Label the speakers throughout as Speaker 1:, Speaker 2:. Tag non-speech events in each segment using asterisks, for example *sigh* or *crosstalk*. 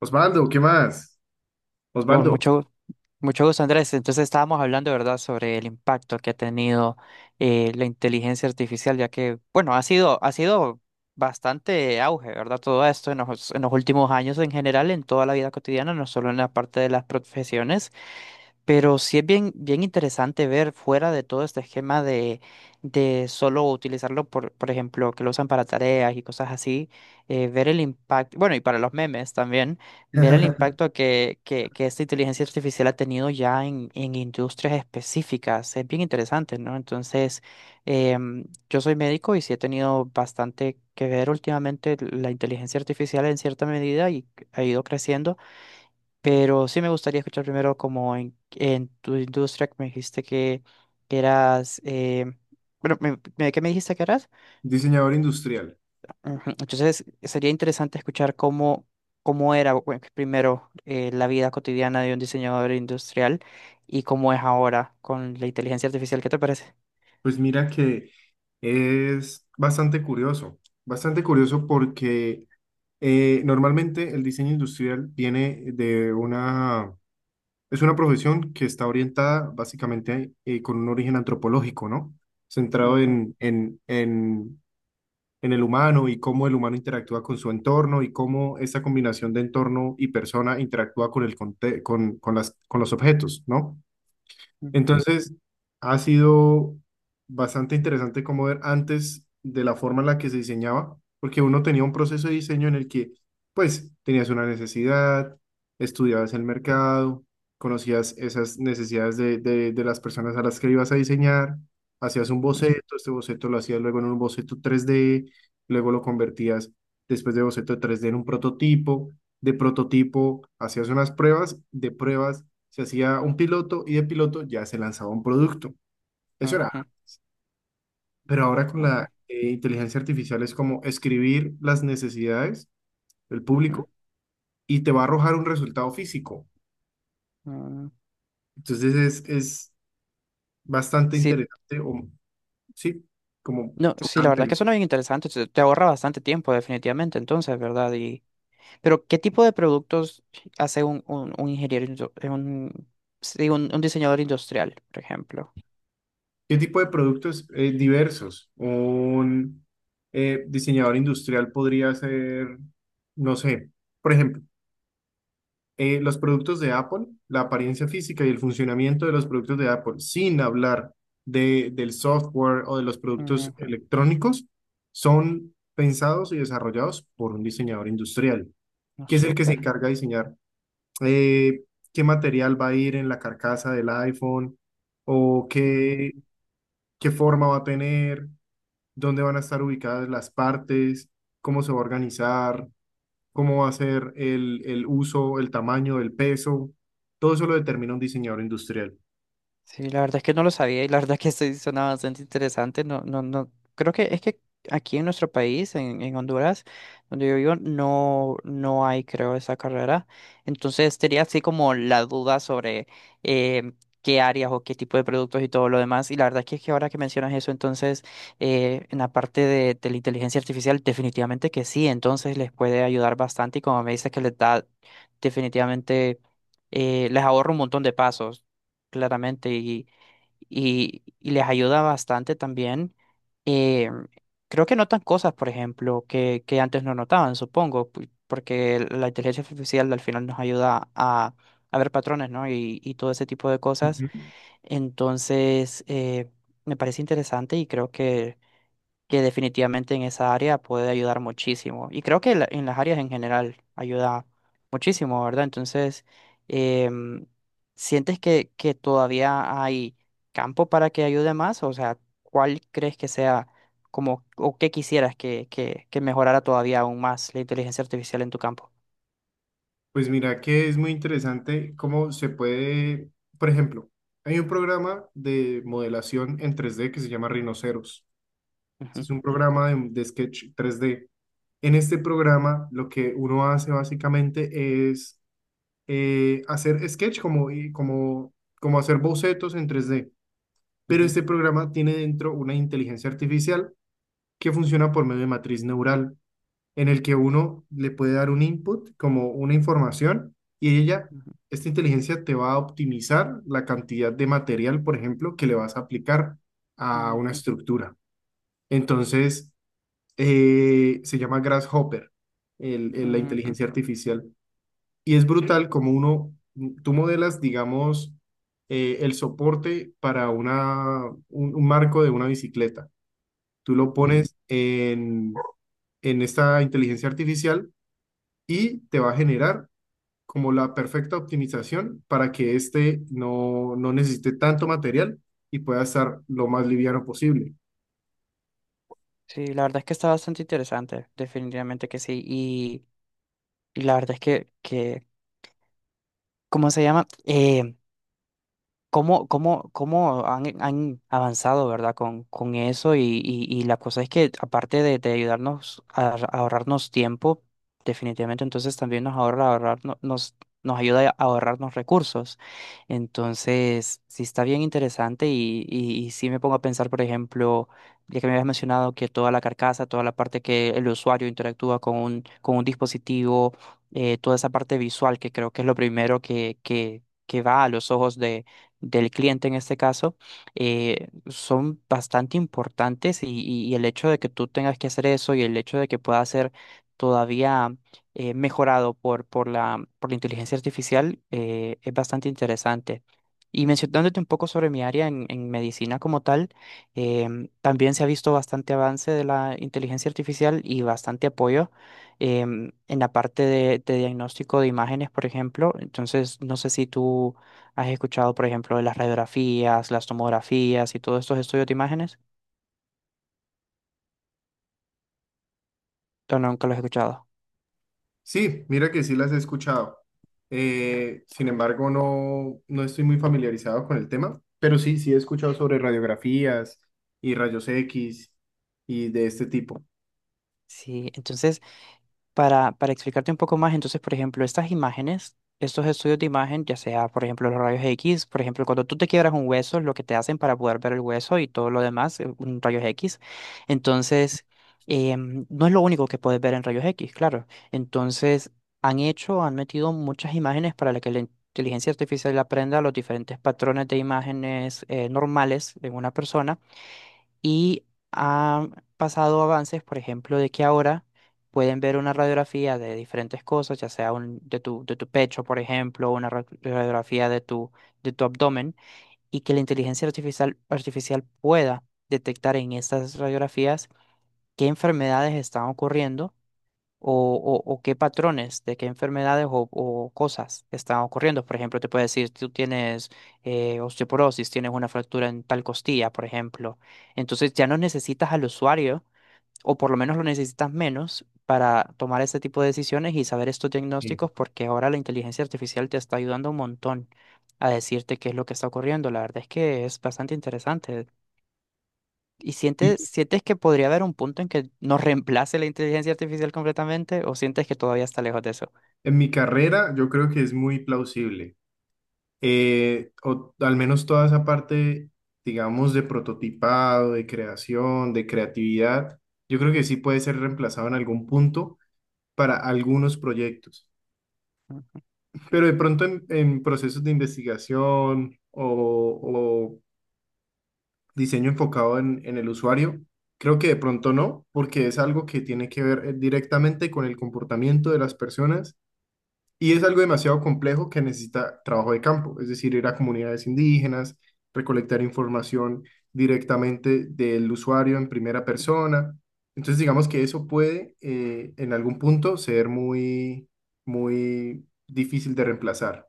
Speaker 1: Osvaldo, ¿qué más?
Speaker 2: Con
Speaker 1: Osvaldo,
Speaker 2: mucho, mucho gusto, Andrés. Entonces estábamos hablando, ¿verdad?, sobre el impacto que ha tenido la inteligencia artificial, ya que, bueno, ha sido bastante auge, ¿verdad? Todo esto en en los últimos años en general, en toda la vida cotidiana, no solo en la parte de las profesiones. Pero sí es bien, bien interesante ver fuera de todo este esquema de solo utilizarlo, por ejemplo, que lo usan para tareas y cosas así, ver el impacto, bueno, y para los memes también, ver el impacto
Speaker 1: *laughs*
Speaker 2: que esta inteligencia artificial ha tenido ya en industrias específicas. Es bien interesante, ¿no? Entonces, em, yo soy médico y sí he tenido bastante que ver últimamente la inteligencia artificial en cierta medida y ha ido creciendo, pero sí me gustaría escuchar primero como en tu industria que me dijiste que eras, bueno, ¿qué me dijiste que eras?
Speaker 1: diseñador industrial.
Speaker 2: Ujú. Entonces sería interesante escuchar cómo, cómo era, bueno, primero la vida cotidiana de un diseñador industrial y cómo es ahora con la inteligencia artificial. ¿Qué te parece?
Speaker 1: Pues mira que es bastante curioso porque normalmente el diseño industrial viene es una profesión que está orientada básicamente, con un origen antropológico, ¿no? Centrado
Speaker 2: Ujú,
Speaker 1: en el humano y cómo el humano interactúa con su entorno y cómo esa combinación de entorno y persona interactúa con con, con los objetos, ¿no?
Speaker 2: ujú,
Speaker 1: Entonces, ha sido bastante interesante como ver antes de la forma en la que se diseñaba, porque uno tenía un proceso de diseño en el que, pues, tenías una necesidad, estudiabas el mercado, conocías esas necesidades de las personas a las que ibas a diseñar, hacías un boceto, este boceto lo hacías luego en un boceto 3D, luego lo convertías, después de boceto 3D, en un prototipo, de prototipo hacías unas pruebas, de pruebas se hacía un piloto y de piloto ya se lanzaba un producto. Eso era.
Speaker 2: ujú,
Speaker 1: Pero ahora con
Speaker 2: ujú, ok,
Speaker 1: la, inteligencia artificial, es como escribir las necesidades del
Speaker 2: ujú.
Speaker 1: público y te va a arrojar un resultado físico.
Speaker 2: mm.
Speaker 1: Entonces es bastante
Speaker 2: Sí,
Speaker 1: interesante o sí, como
Speaker 2: no, sí, la verdad
Speaker 1: chocante,
Speaker 2: es
Speaker 1: ¿no?
Speaker 2: que suena bien interesante, te ahorra bastante tiempo definitivamente entonces, ¿verdad? Pero ¿qué tipo de productos hace un ingeniero, un diseñador industrial, por ejemplo?
Speaker 1: ¿Qué tipo de productos? Diversos. Un, diseñador industrial podría ser, no sé, por ejemplo, los productos de Apple, la apariencia física y el funcionamiento de los productos de Apple, sin hablar de, del software o de los productos
Speaker 2: Ujú.
Speaker 1: electrónicos, son pensados y desarrollados por un diseñador industrial,
Speaker 2: No,
Speaker 1: que es el que se
Speaker 2: súper.
Speaker 1: encarga de diseñar, eh, qué material va a ir en la carcasa del iPhone o
Speaker 2: Mm.
Speaker 1: qué, qué forma va a tener, dónde van a estar ubicadas las partes, cómo se va a organizar, cómo va a ser el uso, el tamaño, el peso, todo eso lo determina un diseñador industrial.
Speaker 2: Sí, la verdad es que no lo sabía y la verdad que sí suena bastante interesante. No, no, no. Creo que es que aquí en nuestro país, en Honduras, donde yo vivo, no, no hay, creo, esa carrera. Entonces tenía así como la duda sobre eh, qué áreas o qué tipo de productos y todo lo demás. Y la verdad que es que ahora que mencionas eso, entonces en la parte de la inteligencia artificial, definitivamente que sí. Entonces les puede ayudar bastante, y como me dices que les da definitivamente les ahorra un montón de pasos claramente, y, y les ayuda bastante también. Eh, Creo que notan cosas, por ejemplo, que antes no notaban, supongo, porque la inteligencia artificial al final nos ayuda a ver patrones, ¿no? Y todo ese tipo de cosas.
Speaker 1: Ujú.
Speaker 2: Entonces, me parece interesante y creo que definitivamente en esa área puede ayudar muchísimo. Y creo que en las áreas en general ayuda muchísimo, ¿verdad? Entonces, em, ¿sientes que todavía hay campo para que ayude más? O sea, ¿cuál crees que sea como, o qué quisieras que mejorara todavía aún más la inteligencia artificial en tu campo?
Speaker 1: Pues mira que es muy interesante cómo se puede, por ejemplo, hay un programa de modelación en 3D que se llama Rhinoceros. Este
Speaker 2: Ujú,
Speaker 1: es un programa de sketch 3D. En este programa lo que uno hace básicamente es, hacer sketch como, y como, como hacer bocetos en 3D, pero
Speaker 2: ujú,
Speaker 1: este programa tiene dentro una inteligencia artificial que funciona por medio de matriz neural, en el que uno le puede dar un input, como una información, y ella,
Speaker 2: ujú,
Speaker 1: esta inteligencia te va a optimizar la cantidad de material, por ejemplo, que le vas a aplicar a una
Speaker 2: ujú,
Speaker 1: estructura. Entonces, se llama Grasshopper, la
Speaker 2: ujú,
Speaker 1: inteligencia artificial. Y es brutal como uno, tú modelas, digamos, el soporte para una, un marco de una bicicleta. Tú lo
Speaker 2: ujú.
Speaker 1: pones en esta inteligencia artificial y te va a generar como la perfecta optimización para que éste no, no necesite tanto material y pueda estar lo más liviano posible.
Speaker 2: Sí, la verdad es que está bastante interesante, definitivamente que sí. Y la verdad es que ¿cómo se llama? Cómo, cómo, cómo han, han avanzado, ¿verdad? Con eso y la cosa es que aparte de ayudarnos a, a ahorrarnos tiempo, definitivamente entonces también nos ahorra ahorrar, nos, nos ayuda a ahorrarnos recursos. Entonces, sí está bien interesante y sí me pongo a pensar, por ejemplo, ya que me habías mencionado que toda la carcasa, toda la parte que el usuario interactúa con con un dispositivo, toda esa parte visual que creo que es lo primero que va a los ojos del cliente en este caso, son bastante importantes y, y el hecho de que tú tengas que hacer eso y el hecho de que pueda ser todavía mejorado por, por la inteligencia artificial, es bastante interesante. Y mencionándote un poco sobre mi área en medicina como tal, también se ha visto bastante avance de la inteligencia artificial y bastante apoyo en la parte de diagnóstico de imágenes, por ejemplo. Entonces, no sé si tú, ¿has escuchado, por ejemplo, de las radiografías, las tomografías y todos estos estudios de imágenes? ¿O nunca los he escuchado?
Speaker 1: Sí, mira que sí las he escuchado. Sin embargo, no, no estoy muy familiarizado con el tema, pero sí, sí he escuchado sobre radiografías y rayos X y de este tipo.
Speaker 2: Sí, entonces, para explicarte un poco más, entonces, por ejemplo, estas imágenes, estos estudios de imagen, ya sea, por ejemplo, los rayos X, por ejemplo, cuando tú te quiebras un hueso, lo que te hacen para poder ver el hueso y todo lo demás, un rayos X. Entonces, no es lo único que puedes ver en rayos X, claro. Entonces, han hecho, han metido muchas imágenes para la que la inteligencia artificial aprenda los diferentes patrones de imágenes normales de una persona, y han pasado avances, por ejemplo, de que ahora pueden ver una radiografía de diferentes cosas, ya sea un, de tu pecho, por ejemplo, una radiografía de tu abdomen, y que la inteligencia artificial pueda detectar en estas radiografías qué enfermedades están ocurriendo o, o qué patrones de qué enfermedades o cosas están ocurriendo. Por ejemplo, te puede decir, tú tienes osteoporosis, tienes una fractura en tal costilla, por ejemplo. Entonces ya no necesitas al usuario, o por lo menos lo necesitas menos para tomar ese tipo de decisiones y saber estos
Speaker 1: Sí.
Speaker 2: diagnósticos, porque ahora la inteligencia artificial te está ayudando un montón a decirte qué es lo que está ocurriendo. La verdad es que es bastante interesante. ¿Y sientes,
Speaker 1: Y
Speaker 2: sientes que podría haber un punto en que nos reemplace la inteligencia artificial completamente o sientes que todavía está lejos de eso?
Speaker 1: en mi carrera, yo creo que es muy plausible. O al menos toda esa parte, digamos, de prototipado, de creación, de creatividad, yo creo que sí puede ser reemplazado en algún punto para algunos proyectos.
Speaker 2: Mm.
Speaker 1: Pero de pronto en procesos de investigación o diseño enfocado en el usuario, creo que de pronto no, porque es algo que tiene que ver, directamente con el comportamiento de las personas. Y es algo demasiado complejo que necesita trabajo de campo, es decir, ir a comunidades indígenas, recolectar información directamente del usuario en primera persona. Entonces, digamos que eso puede, en algún punto, ser muy, muy difícil de reemplazar.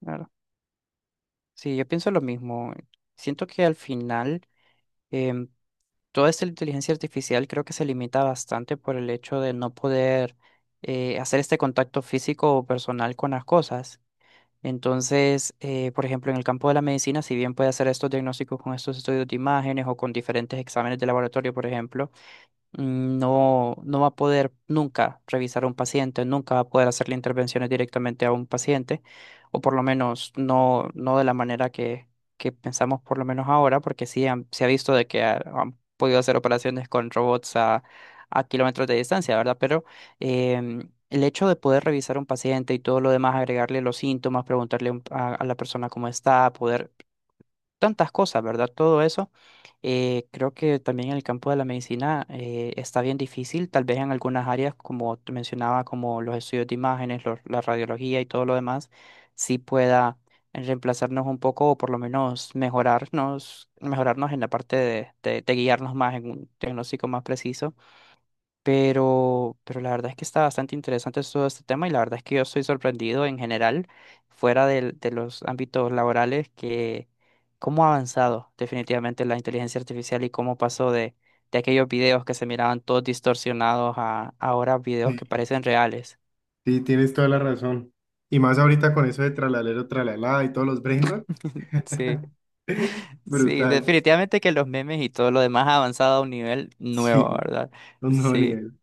Speaker 2: Claro. Sí, yo pienso lo mismo. Siento que al final, em, toda esta inteligencia artificial creo que se limita bastante por el hecho de no poder hacer este contacto físico o personal con las cosas. Entonces, por ejemplo, en el campo de la medicina, si bien puede hacer estos diagnósticos con estos estudios de imágenes o con diferentes exámenes de laboratorio, por ejemplo, no, no va a poder nunca revisar a un paciente, nunca va a poder hacerle intervenciones directamente a un paciente, o por lo menos no, no de la manera que pensamos por lo menos ahora, porque sí se ha visto de que han podido hacer operaciones con robots a kilómetros de distancia, ¿verdad? Pero el hecho de poder revisar a un paciente y todo lo demás, agregarle los síntomas, preguntarle a la persona cómo está, poder tantas cosas, ¿verdad? Todo eso. Creo que también en el campo de la medicina, está bien difícil, tal vez en algunas áreas, como te mencionaba, como los estudios de imágenes, la radiología y todo lo demás, sí pueda reemplazarnos un poco o por lo menos mejorarnos, mejorarnos en la parte de, de guiarnos más en un diagnóstico más preciso. Pero la verdad es que está bastante interesante todo este tema y la verdad es que yo estoy sorprendido en general, fuera de los ámbitos laborales, que cómo ha avanzado definitivamente la inteligencia artificial y cómo pasó de aquellos videos que se miraban todos distorsionados a ahora videos
Speaker 1: Sí,
Speaker 2: que parecen reales.
Speaker 1: sí, tienes toda la razón. Y más ahorita con eso de tralalero, tralalá y todos los brain rot.
Speaker 2: Sí,
Speaker 1: *laughs*
Speaker 2: sí,
Speaker 1: Brutal.
Speaker 2: definitivamente que los memes y todo lo demás ha avanzado a un nivel nuevo,
Speaker 1: Sí,
Speaker 2: ¿verdad?
Speaker 1: un nuevo
Speaker 2: Sí,
Speaker 1: nivel.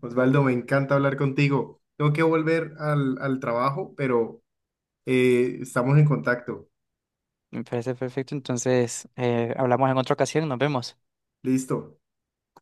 Speaker 1: Osvaldo, me encanta hablar contigo. Tengo que volver al, al trabajo, pero estamos en contacto.
Speaker 2: me parece perfecto. Entonces, hablamos en otra ocasión, nos vemos.
Speaker 1: Listo.